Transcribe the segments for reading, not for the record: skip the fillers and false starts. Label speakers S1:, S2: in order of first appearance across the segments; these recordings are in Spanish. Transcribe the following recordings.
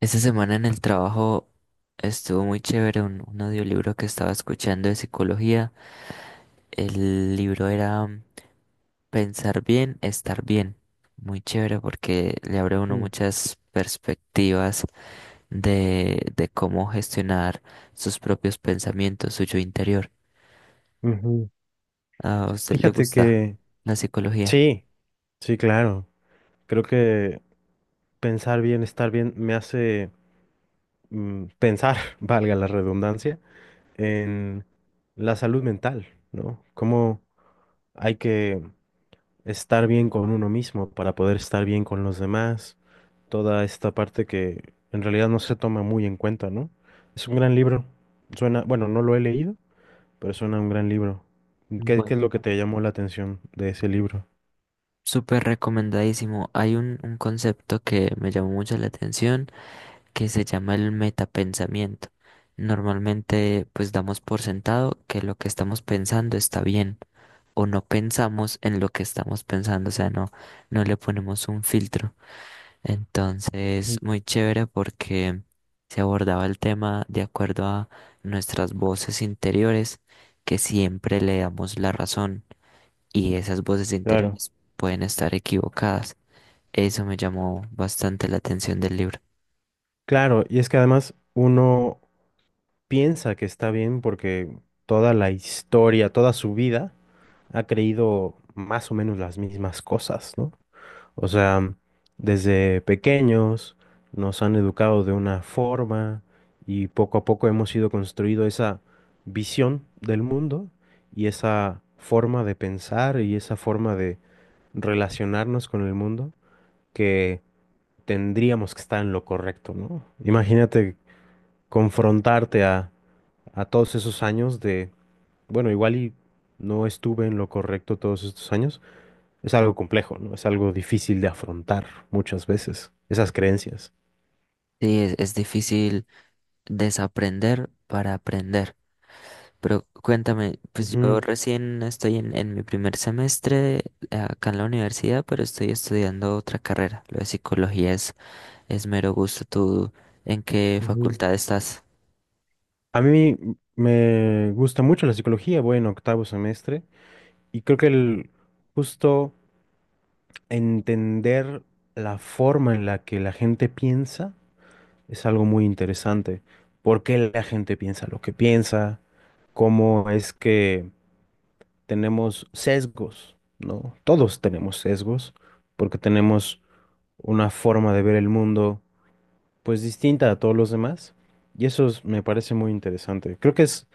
S1: Esta semana en el trabajo estuvo muy chévere un audiolibro que estaba escuchando de psicología. El libro era Pensar bien, estar bien. Muy chévere porque le abre a uno
S2: Mm,
S1: muchas perspectivas de cómo gestionar sus propios pensamientos, suyo interior.
S2: ujú.
S1: ¿A usted le
S2: Fíjate
S1: gusta
S2: que
S1: la psicología?
S2: sí, sí, claro. Creo que pensar bien, estar bien, me hace pensar, valga la redundancia, en la salud mental, ¿no? Cómo hay que estar bien con uno mismo para poder estar bien con los demás. Toda esta parte que en realidad no se toma muy en cuenta, ¿no? Es un gran libro. Suena, bueno, no lo he leído, pero suena un gran libro. ¿Qué es lo que te llamó la atención de ese libro?
S1: Súper recomendadísimo. Hay un concepto que me llamó mucho la atención que se llama el metapensamiento. Normalmente pues damos por sentado que lo que estamos pensando está bien o no pensamos en lo que estamos pensando, o sea, no, no le ponemos un filtro. Entonces,
S2: Mm.
S1: muy chévere porque se abordaba el tema de acuerdo a nuestras voces interiores que siempre le damos la razón y esas voces
S2: Claro,
S1: interiores pueden estar equivocadas. Eso me llamó bastante la atención del libro.
S2: claro, y es que además uno piensa que está bien porque toda la historia, toda su vida ha creído más o menos las mismas cosas, ¿no? O sea, desde pequeños nos han educado de una forma y poco a poco hemos ido construyendo esa visión del mundo y esa forma de pensar y esa forma de relacionarnos con el mundo que tendríamos que estar en lo correcto, ¿no? Imagínate confrontarte a todos esos años de, bueno, igual y no estuve en lo correcto todos estos años es algo complejo, ¿no? Es algo difícil de afrontar muchas veces, esas creencias.
S1: Sí, es difícil desaprender para aprender. Pero cuéntame, pues yo
S2: Ujú,
S1: recién estoy en mi primer semestre acá en la universidad, pero estoy estudiando otra carrera. Lo de psicología es mero gusto. ¿Tú en qué
S2: ujú.
S1: facultad estás?
S2: A mí me gusta mucho la psicología, voy en octavo semestre y creo que el justo entender la forma en la que la gente piensa es algo muy interesante. ¿Por qué la gente piensa lo que piensa? ¿Cómo es que tenemos sesgos? ¿No? Todos tenemos sesgos porque tenemos una forma de ver el mundo pues distinta a todos los demás. Y eso es- me parece muy interesante. Creo que es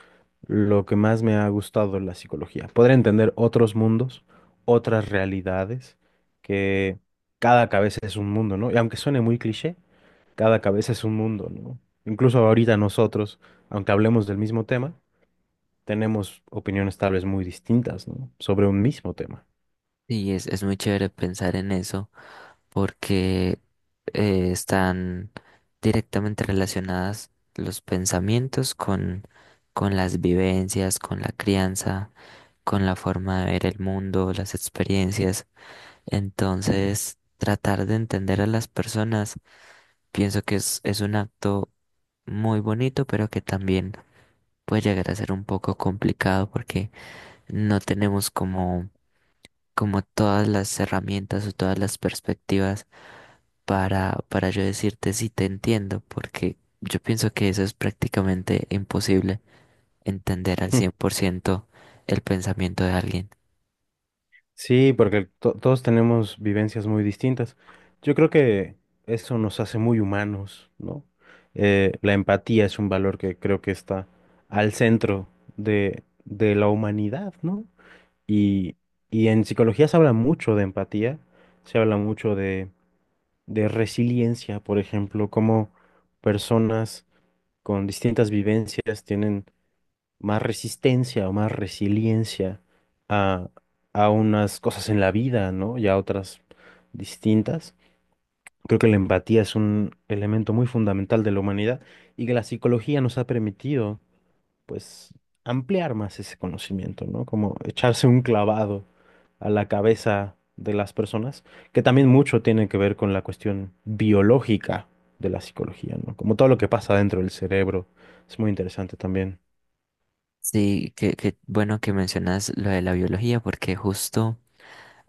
S2: lo que más me ha gustado de la psicología. Poder entender otros mundos, otras realidades, que cada cabeza es un mundo, ¿no? Y aunque suene muy cliché, cada cabeza es un mundo, ¿no? Incluso ahorita nosotros, aunque hablemos del mismo tema, tenemos opiniones tal vez muy distintas, ¿no? Sobre un mismo tema.
S1: Sí, es muy chévere pensar en eso porque están directamente relacionadas los pensamientos con las vivencias, con la crianza, con la forma de ver el mundo, las experiencias. Entonces, tratar de entender a las personas, pienso que es un acto muy bonito, pero que también puede llegar a ser un poco complicado porque no tenemos como como todas las herramientas o todas las perspectivas para yo decirte si te entiendo, porque yo pienso que eso es prácticamente imposible, entender al 100% el pensamiento de alguien.
S2: Sí, porque todos tenemos vivencias muy distintas. Yo creo que eso nos hace muy humanos, ¿no? La empatía es un valor que creo que está al centro de la humanidad, ¿no? Y, y en psicología se habla mucho de empatía, se habla mucho de, resiliencia, por ejemplo, cómo personas con distintas vivencias tienen más resistencia o más resiliencia a, a unas cosas en la vida, ¿no? Y a otras distintas. Creo que la empatía es un elemento muy fundamental de la humanidad y que la psicología nos ha permitido, pues, ampliar más ese conocimiento, ¿no? Como echarse un clavado a la cabeza de las personas, que también mucho tiene que ver con la cuestión biológica de la psicología, ¿no? Como todo lo que pasa dentro del cerebro, es muy interesante también.
S1: Sí, que bueno que mencionas lo de la biología, porque justo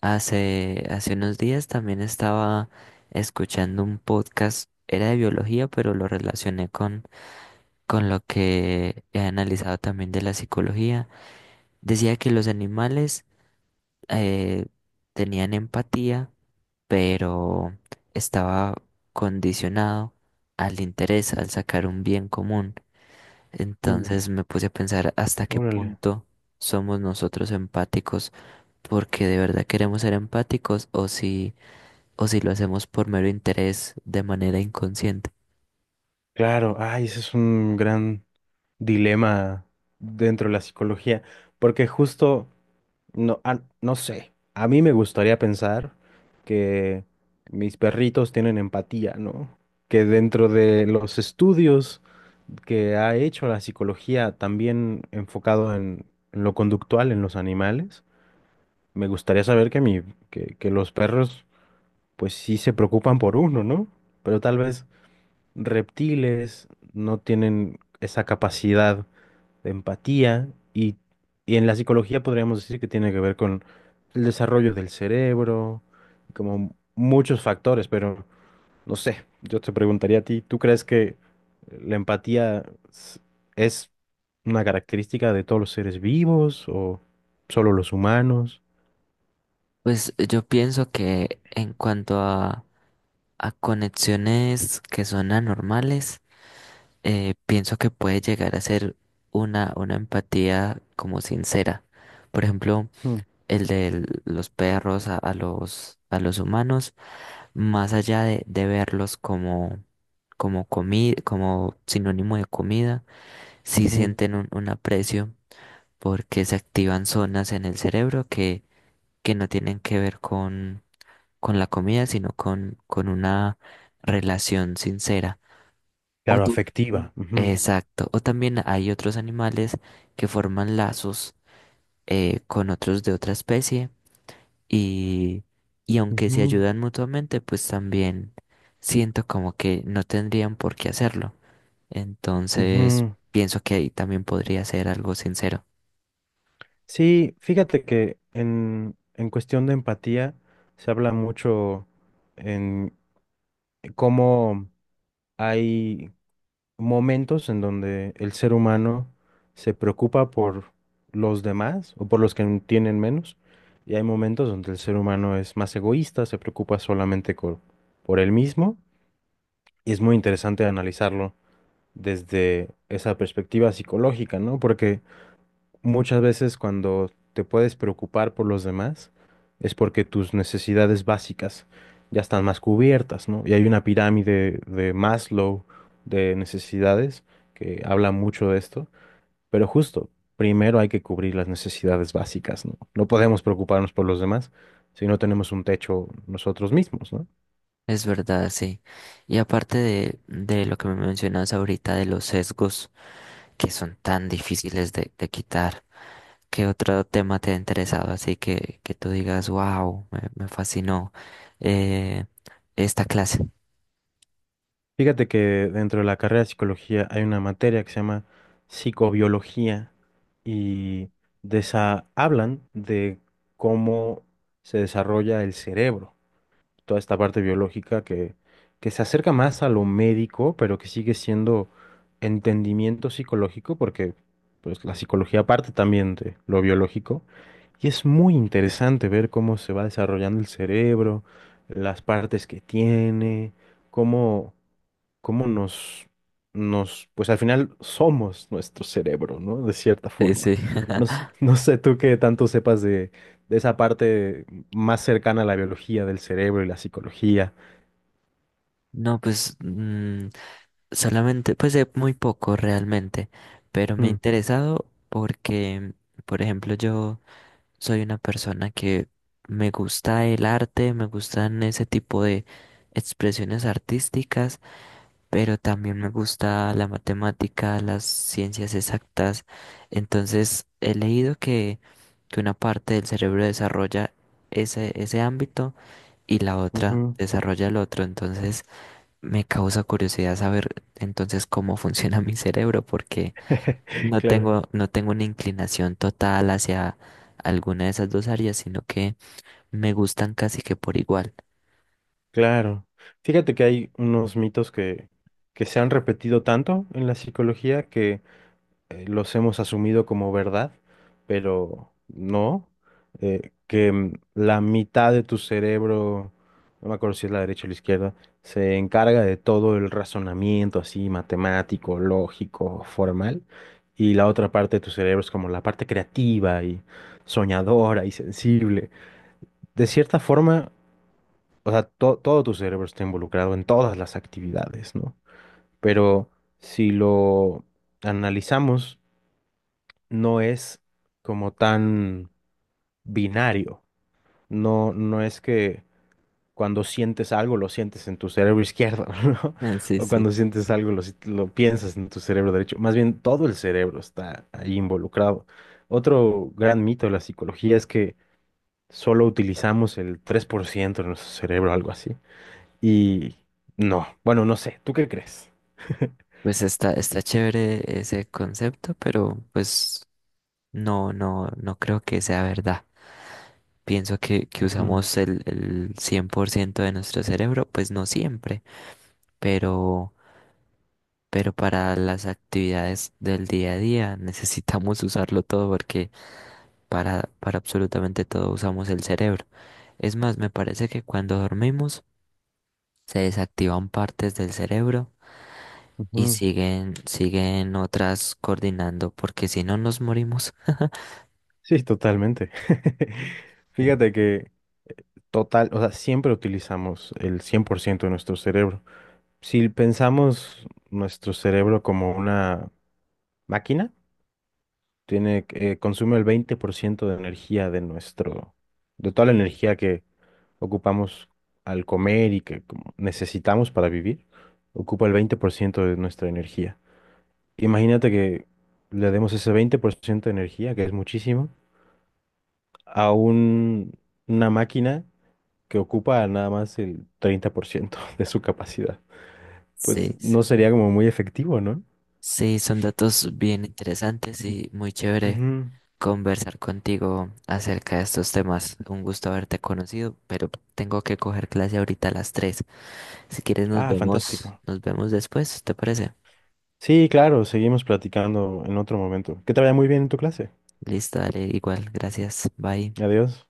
S1: hace unos días también estaba escuchando un podcast, era de biología, pero lo relacioné con lo que he analizado también de la psicología. Decía que los animales eh, tenían empatía, pero estaba condicionado al interés, al sacar un bien común.
S2: Mm.
S1: Entonces me puse a pensar hasta qué
S2: Órale.
S1: punto somos nosotros empáticos, porque de verdad queremos ser empáticos o si lo hacemos por mero interés de manera inconsciente.
S2: Claro, ay, ese es un gran dilema dentro de la psicología, porque justo, no, ah, no sé, a mí me gustaría pensar que mis perritos tienen empatía, ¿no? Que dentro de los estudios que ha hecho la psicología, también enfocado en, lo conductual, en los animales, me gustaría saber que los perros, pues sí se preocupan por uno, ¿no? Pero tal vez reptiles, no tienen esa capacidad de empatía y en la psicología podríamos decir que tiene que ver con el desarrollo del cerebro, como muchos factores, pero no sé, yo te preguntaría a ti, ¿tú crees que la empatía s- es una característica de todos los seres vivos o solo los humanos?
S1: Pues yo pienso que en cuanto a conexiones que son anormales, pienso que puede llegar a ser una empatía como sincera. Por ejemplo,
S2: Mm,
S1: el de los perros a a los humanos, más allá de verlos como, como, como sinónimo de comida, sí
S2: ujú.
S1: sienten un aprecio porque se activan zonas en el cerebro que no tienen que ver con la comida, sino con una relación sincera.
S2: Claro, afectiva. Ujú,
S1: Exacto. O también hay otros animales que forman lazos con otros de otra especie y, y aunque se
S2: ujú,
S1: ayudan mutuamente, pues también siento como que no tendrían por qué hacerlo. Entonces,
S2: ujú.
S1: pienso que ahí también podría ser algo sincero.
S2: Sí, fíjate que en cuestión de empatía se habla mucho en cómo hay momentos en donde el ser humano se preocupa por los demás o por los que tienen menos, y hay momentos donde el ser humano es más egoísta, se preocupa solamente por él mismo, y es muy interesante analizarlo desde esa perspectiva psicológica, ¿no? Porque muchas veces cuando te puedes preocupar por los demás es porque tus necesidades básicas ya están más cubiertas, ¿no? Y hay una pirámide de Maslow de necesidades que habla mucho de esto, pero justo, primero hay que cubrir las necesidades básicas, ¿no? No podemos preocuparnos por los demás si no tenemos un techo nosotros mismos, ¿no?
S1: Es verdad, sí. Y aparte de lo que me mencionas ahorita de los sesgos que son tan difíciles de quitar. ¿Qué otro tema te ha interesado? Así que tú digas, wow, me fascinó eh, esta clase.
S2: Fíjate que dentro de la carrera de psicología hay una materia que se llama psicobiología y hablan de cómo se desarrolla el cerebro, toda esta parte biológica que se acerca más a lo médico, pero que sigue siendo entendimiento psicológico, porque pues, la psicología parte también de lo biológico, y es muy interesante ver cómo se va desarrollando el cerebro, las partes que tiene, cómo pues al final somos nuestro cerebro, ¿no? De cierta
S1: Sí,
S2: forma.
S1: sí.
S2: No, no sé tú qué tanto sepas de esa parte más cercana a la biología del cerebro y la psicología.
S1: No, pues mm, solamente, pues de muy poco realmente, pero me ha
S2: Mm,
S1: interesado porque, por ejemplo, yo soy una persona que me gusta el arte, me gustan ese tipo de expresiones artísticas pero también me gusta la matemática, las ciencias exactas. Entonces, he leído que una parte del cerebro desarrolla ese ámbito y la otra
S2: ujú.
S1: desarrolla el otro. Entonces, me causa curiosidad saber entonces cómo funciona mi cerebro, porque no
S2: Claro,
S1: tengo, no tengo una inclinación total hacia alguna de esas dos áreas, sino que me gustan casi que por igual.
S2: claro. Fíjate que hay unos mitos que se han repetido tanto en la psicología los hemos asumido como verdad, pero no, que la mitad de tu cerebro, no me acuerdo si es la derecha o la izquierda, se encarga de todo el razonamiento así matemático, lógico, formal, y la otra parte de tu cerebro es como la parte creativa y soñadora y sensible. De cierta forma, o sea, todo tu cerebro está involucrado en todas las actividades, ¿no? Pero si lo analizamos, no es como tan binario. No, no es que cuando sientes algo lo sientes en tu cerebro izquierdo, ¿no?
S1: Ah, sí,
S2: O
S1: sí.
S2: cuando sientes algo lo, si- lo piensas en tu cerebro derecho. Más bien todo el cerebro está ahí involucrado. Otro gran mito de la psicología es que solo utilizamos el 3% de nuestro cerebro, algo así. Y no, bueno, no sé, ¿tú qué crees?
S1: Pues está, está chévere ese concepto, pero pues no, no, no creo que sea verdad. Pienso que
S2: Ujú,
S1: usamos el 100% de nuestro cerebro, pues no siempre, pero, pero para las actividades del día a día necesitamos usarlo todo porque para absolutamente todo usamos el cerebro. Es más, me parece que cuando dormimos se desactivan partes del cerebro y
S2: ujú.
S1: siguen, siguen otras coordinando porque si no nos morimos.
S2: Sí, totalmente. Fíjate que total, o sea, siempre utilizamos el 100% de nuestro cerebro. Si pensamos nuestro cerebro como una máquina, tiene, que- consume el 20% de energía de nuestro, de toda la energía que ocupamos al comer y que como necesitamos para vivir, ocupa el 20% de nuestra energía. Imagínate que le demos ese 20% de energía, que es muchísimo, a una máquina que ocupa nada más el 30% de su capacidad. Pues
S1: Sí.
S2: no sería como muy efectivo, ¿no?
S1: Sí, son datos bien interesantes y muy chévere
S2: Ujú.
S1: conversar contigo acerca de estos temas. Un gusto haberte conocido, pero tengo que coger clase ahorita a las 3. Si quieres
S2: Ah, fantástico.
S1: nos vemos después, ¿te parece?
S2: Sí, claro, seguimos platicando en otro momento. Que te vaya muy bien en tu clase.
S1: Listo, dale, igual, gracias, bye.
S2: Adiós.